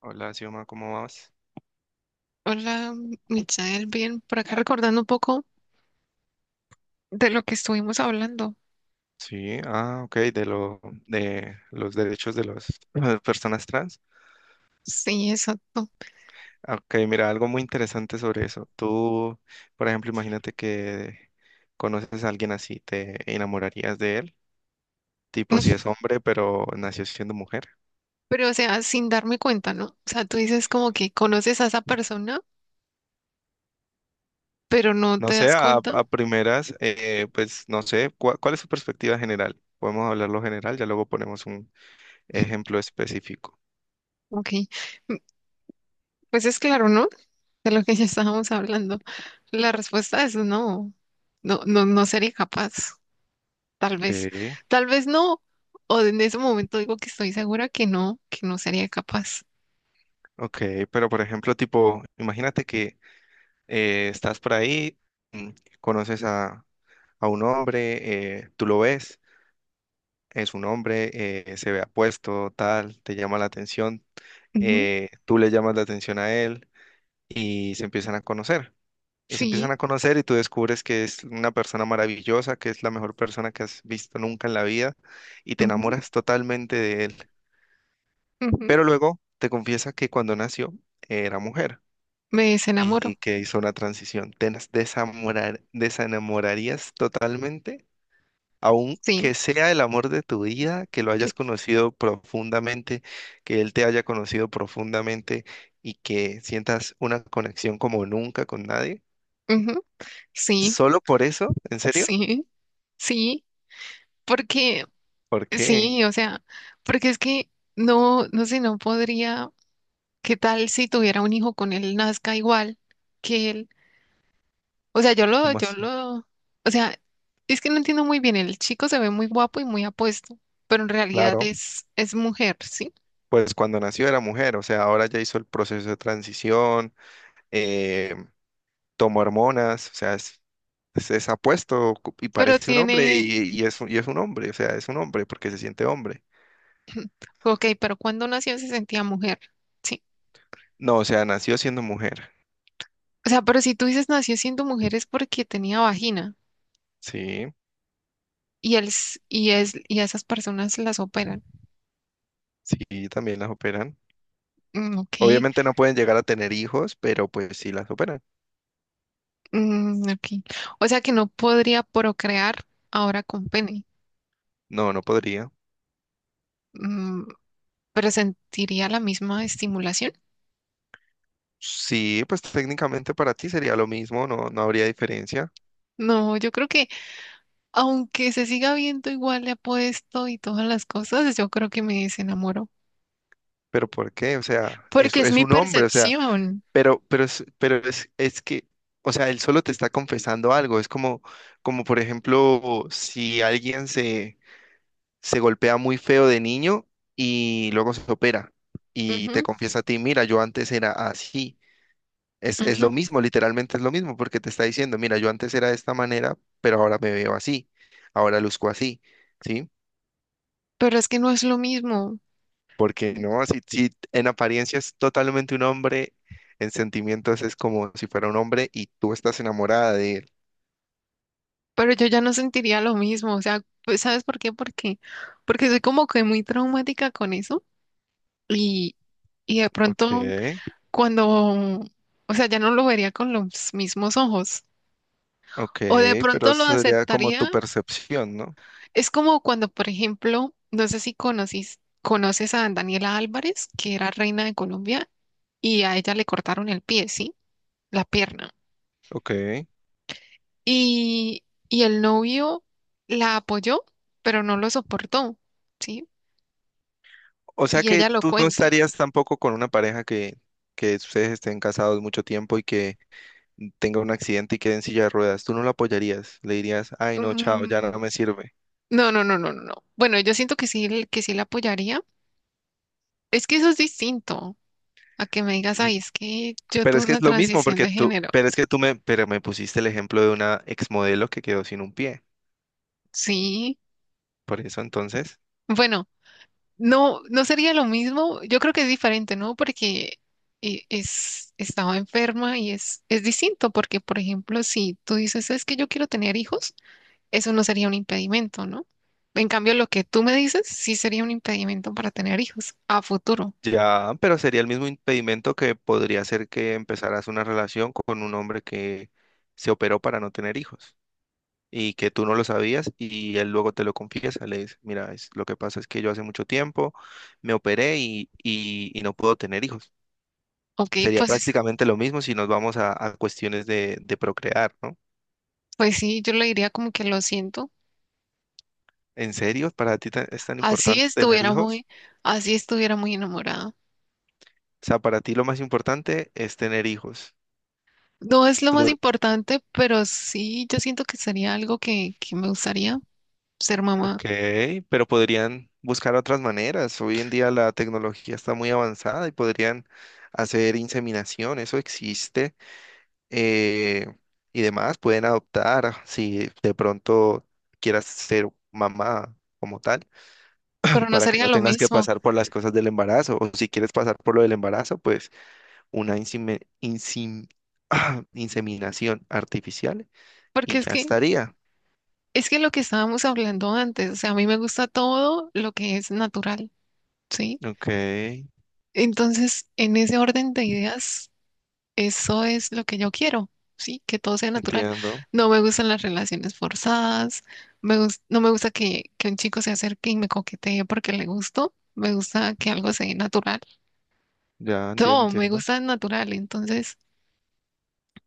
Hola, Xioma, ¿cómo vas? Hola, Michael, bien, por acá recordando un poco de lo que estuvimos hablando. Sí, ah, ok, de lo de los derechos de las personas trans. Sí, exacto. Ah, ok, mira, algo muy interesante sobre eso. Tú, por ejemplo, imagínate que conoces a alguien así, ¿te enamorarías de él, tipo si es hombre, pero nació siendo mujer? Pero, o sea, sin darme cuenta, ¿no? O sea, tú dices como que conoces a esa persona, pero no No te sé, das a, cuenta. a primeras, pues no sé, ¿cuál es su perspectiva general? Podemos hablarlo general, ya luego ponemos un ejemplo específico. Ok. Mm, Pues es claro, ¿no? De lo que ya estábamos hablando. La respuesta es no. No, no, no sería capaz. Tal vez. Ok, Tal vez no. O en ese momento digo que estoy segura que no sería capaz. ok, pero por ejemplo, tipo, imagínate que estás por ahí, mm, conoces a un hombre, tú lo ves, es un hombre, se ve apuesto, tal, te llama la atención, Ujú, tú le llamas la atención a él y se empiezan a conocer. Y se empiezan sí. a conocer y tú descubres que es una persona maravillosa, que es la mejor persona que has visto nunca en la vida y te Ujú, enamoras totalmente de él. ujú. Pero luego te confiesa que cuando nació era mujer. Me desenamoro. Y que hizo una transición. ¿Te nas- desamorar- desenamorarías totalmente? Sí, Aunque sea el amor de tu vida, que lo hayas conocido profundamente, que él te haya conocido profundamente y que sientas una conexión como nunca con nadie. ujú, sí, ¿Solo por eso? ¿En serio? sí, sí, porque ¿Por qué? sí, o sea, porque es que no, no sé, no podría, ¿qué tal si tuviera un hijo con él nazca igual que él? O sea, yo lo, ¿Cómo yo así? lo, o sea, es que no entiendo muy bien, el chico se ve muy guapo y muy apuesto, pero en realidad Claro, es mujer, ¿sí? pues cuando nació era mujer, o sea, ahora ya hizo el proceso de transición, eh, tomo hormonas, o sea, es apuesto cu- y Pero parece un hombre tiene, y es un hombre, o sea, es un hombre porque se siente hombre. ok, pero cuando nació se sentía mujer, ¿sí? No, o sea, nació siendo mujer. O sea, pero si tú dices nació siendo mujer es porque tenía vagina. Sí, Y, el, s- y, es, y a esas personas las operan. sí, también las operan. Mm, ok. Obviamente no pueden llegar a tener hijos, pero pues sí las operan. Mm, ok. O sea que no podría procrear ahora con pene. No, no podría. Mm, pero sentiría la misma estimulación. Sí, pues técnicamente para ti sería lo mismo, no, no habría diferencia. No, yo creo que aunque se siga viendo igual de apuesto y todas las cosas, yo creo que me desenamoro, Pero ¿por qué? O sea, porque es es mi un hombre, o sea, percepción. Es que, o sea, él solo te está confesando algo. Es como, como por ejemplo, si alguien se, se golpea muy feo de niño y luego se opera y Ujú, te confiesa a ti, mira, yo antes era así. Es ujú. lo mismo, literalmente es lo mismo, porque te está diciendo, mira, yo antes era de esta manera, pero ahora me veo así, ahora luzco así, ¿sí? Pero es que no es lo mismo, Porque no, si, si en apariencia es totalmente un hombre, en sentimientos es como si fuera un hombre y tú estás enamorada de él. pero yo ya no sentiría lo mismo, o sea, pues, ¿sabes por qué? Porque soy como que muy traumática con eso. Y, y de Ok, pronto cuando, o sea, ya no lo vería con los mismos ojos. ok, O de pero pronto lo eso sería como aceptaría. tu percepción, ¿no? Es como cuando, por ejemplo, no sé si conoces a Daniela Álvarez, que era reina de Colombia, y a ella le cortaron el pie, ¿sí? La pierna. Ok. Y el novio la apoyó, pero no lo soportó, ¿sí? O sea Y que ella lo tú no cuenta. estarías tampoco con una pareja que ustedes estén casados mucho tiempo y que tenga un accidente y quede en silla de ruedas. Tú no lo apoyarías, le dirías, ay no, chao, ya Mm, no me sirve. no, no, no, no, no. No. Bueno, yo siento que sí la apoyaría. Es que eso es distinto a que me digas, N- ay, es que yo Pero tuve es que una es lo mismo, transición porque de tú, género. pero es que tú me, pero me pusiste el ejemplo de una exmodelo que quedó sin un pie. Sí. Por eso entonces. Bueno, no, no sería lo mismo. Yo creo que es diferente, ¿no? Porque estaba enferma y es distinto. Porque, por ejemplo, si tú dices, es que yo quiero tener hijos, eso no sería un impedimento, ¿no? En cambio, lo que tú me dices sí sería un impedimento para tener hijos a futuro. Ya, pero sería el mismo impedimento que podría ser que empezaras una relación con un hombre que se operó para no tener hijos y que tú no lo sabías y él luego te lo confiesa, le dice, mira, es, lo que pasa es que yo hace mucho tiempo me operé y no puedo tener hijos. Ok, Sería pues, prácticamente lo mismo si nos vamos a cuestiones de procrear, ¿no? pues sí, yo le diría como que lo siento. ¿En serio? ¿Para ti ta- es tan Así importante tener estuviera hijos? muy, así estuviera muy enamorada. O sea, para ti lo más importante es tener hijos. No es lo más Tú importante, pero sí, yo siento que sería algo que me gustaría ser mamá, ok, pero podrían buscar otras maneras. Hoy en día la tecnología está muy avanzada y podrían hacer inseminación, eso existe. eh, y demás, pueden adoptar ah, si de pronto quieras ser mamá como tal, pero no para que sería no lo tengas que mismo, pasar por las cosas del embarazo. O si quieres pasar por lo del embarazo, pues una insime- insim- inseminación artificial porque y es ya que estaría. es que lo que estábamos hablando antes, o sea, a mí me gusta todo lo que es natural, ¿sí? Ok, Entonces, en ese orden de ideas, eso es lo que yo quiero, ¿sí? Que todo sea natural. entiendo, No me gustan las relaciones forzadas, no me gusta que un chico se acerque y me coquetee porque le gusto, me gusta que algo sea natural. ya entiendo, Todo, me entiendo. gusta el natural. Entonces,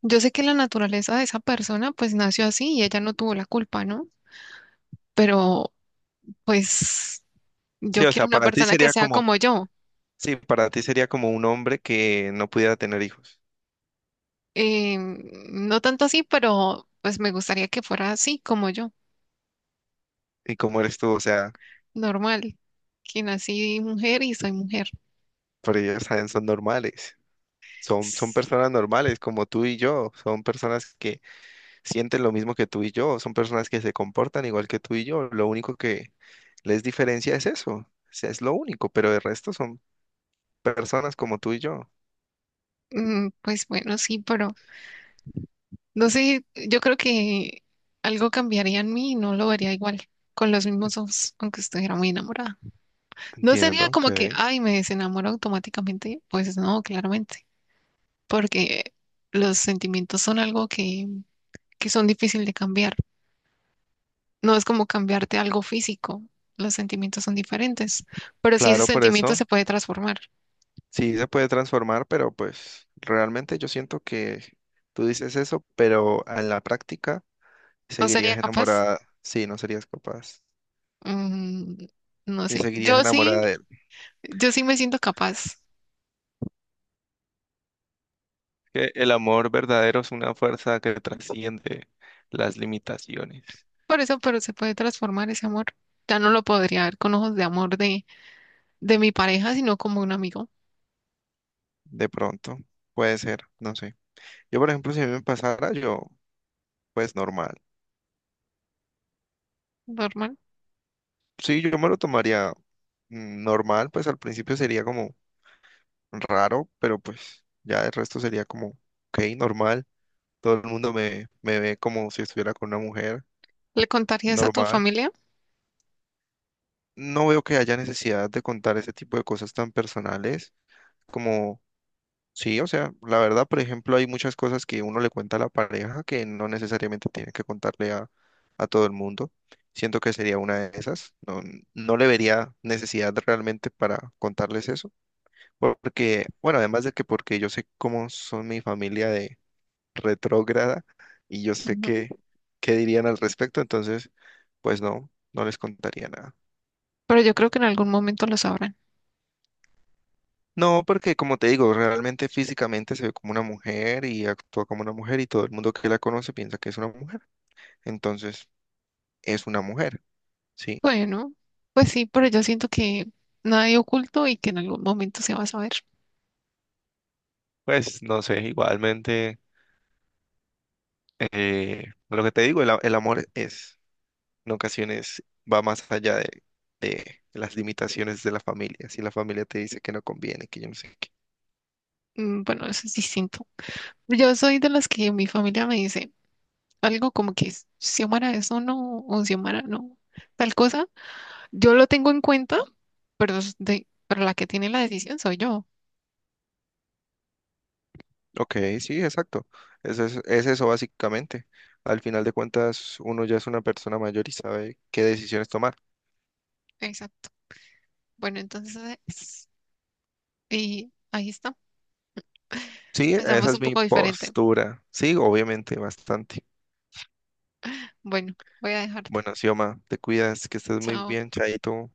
yo sé que la naturaleza de esa persona pues nació así y ella no tuvo la culpa, ¿no? Pero pues Sí, yo o quiero sea, una para ti persona que sería sea como, como yo. sí, para ti sería como un hombre que no pudiera tener hijos. No tanto así, pero pues me gustaría que fuera así como yo, ¿Y cómo eres tú? O sea, normal, que nací mujer y soy mujer. pero ellos saben, son normales. Son S- personas normales como tú y yo. Son personas que sienten lo mismo que tú y yo. Son personas que se comportan igual que tú y yo. Lo único que les diferencia es eso. O sea, es lo único, pero el resto son personas como tú y yo. Pues bueno, sí, pero no sé, yo creo que algo cambiaría en mí y no lo vería igual, con los mismos ojos, aunque estuviera muy enamorada. No Entiendo, sería como que, ok. ay, me desenamoro automáticamente. Pues no, claramente, porque los sentimientos son algo que son difícil de cambiar. No es como cambiarte algo físico. Los sentimientos son diferentes, pero si ese Claro, por sentimiento eso. se puede transformar, Sí, se puede transformar, pero pues realmente yo siento que tú dices eso, pero en la práctica ¿no sería seguirías capaz? enamorada, sí, no serías capaz Mm, no y sé. seguirías Yo sí, enamorada de él. yo sí me siento capaz. Que el amor verdadero es una fuerza que trasciende las limitaciones. Por eso, pero se puede transformar ese amor. Ya no lo podría ver con ojos de amor de mi pareja, sino como un amigo De pronto, puede ser, no sé. Yo, por ejemplo, si a mí me pasara, yo, pues normal. normal. Sí, yo me lo tomaría normal, pues al principio sería como raro, pero pues ya el resto sería como, ok, normal. Todo el mundo me ve como si estuviera con una mujer ¿Le contarías a tu normal. familia? No veo que haya necesidad de contar ese tipo de cosas tan personales como, sí, o sea, la verdad, por ejemplo, hay muchas cosas que uno le cuenta a la pareja que no necesariamente tiene que contarle a todo el mundo. Siento que sería una de esas. No, no le vería necesidad realmente para contarles eso. Porque, bueno, además de que porque yo sé cómo son mi familia retrógrada y yo sé qué, qué dirían al respecto, entonces, pues no, no les contaría nada. Pero yo creo que en algún momento lo sabrán. No, porque como te digo, realmente físicamente se ve como una mujer y actúa como una mujer y todo el mundo que la conoce piensa que es una mujer, entonces es una mujer, sí. Bueno, pues sí, pero yo siento que nada hay oculto y que en algún momento se va a saber. Pues no sé, igualmente, lo que te digo, el, a- el amor es, en ocasiones va más allá de las limitaciones de la familia. Si la familia te dice que no conviene, que yo no sé qué. Bueno, eso es distinto. Yo soy de las que mi familia me dice algo como que Xiomara eso no, o Xiomara no, tal cosa. Yo lo tengo en cuenta, pero la que tiene la decisión soy yo. Ok, sí, exacto. Es eso básicamente. Al final de cuentas, uno ya es una persona mayor y sabe qué decisiones tomar. Exacto. Bueno, entonces, y ahí está. Sí, esa Pensamos un es mi poco diferente. postura. Sí, obviamente, bastante. Bueno, voy a dejarte. Bueno, Xioma, te cuidas, que estés muy Chao. bien, Chaito.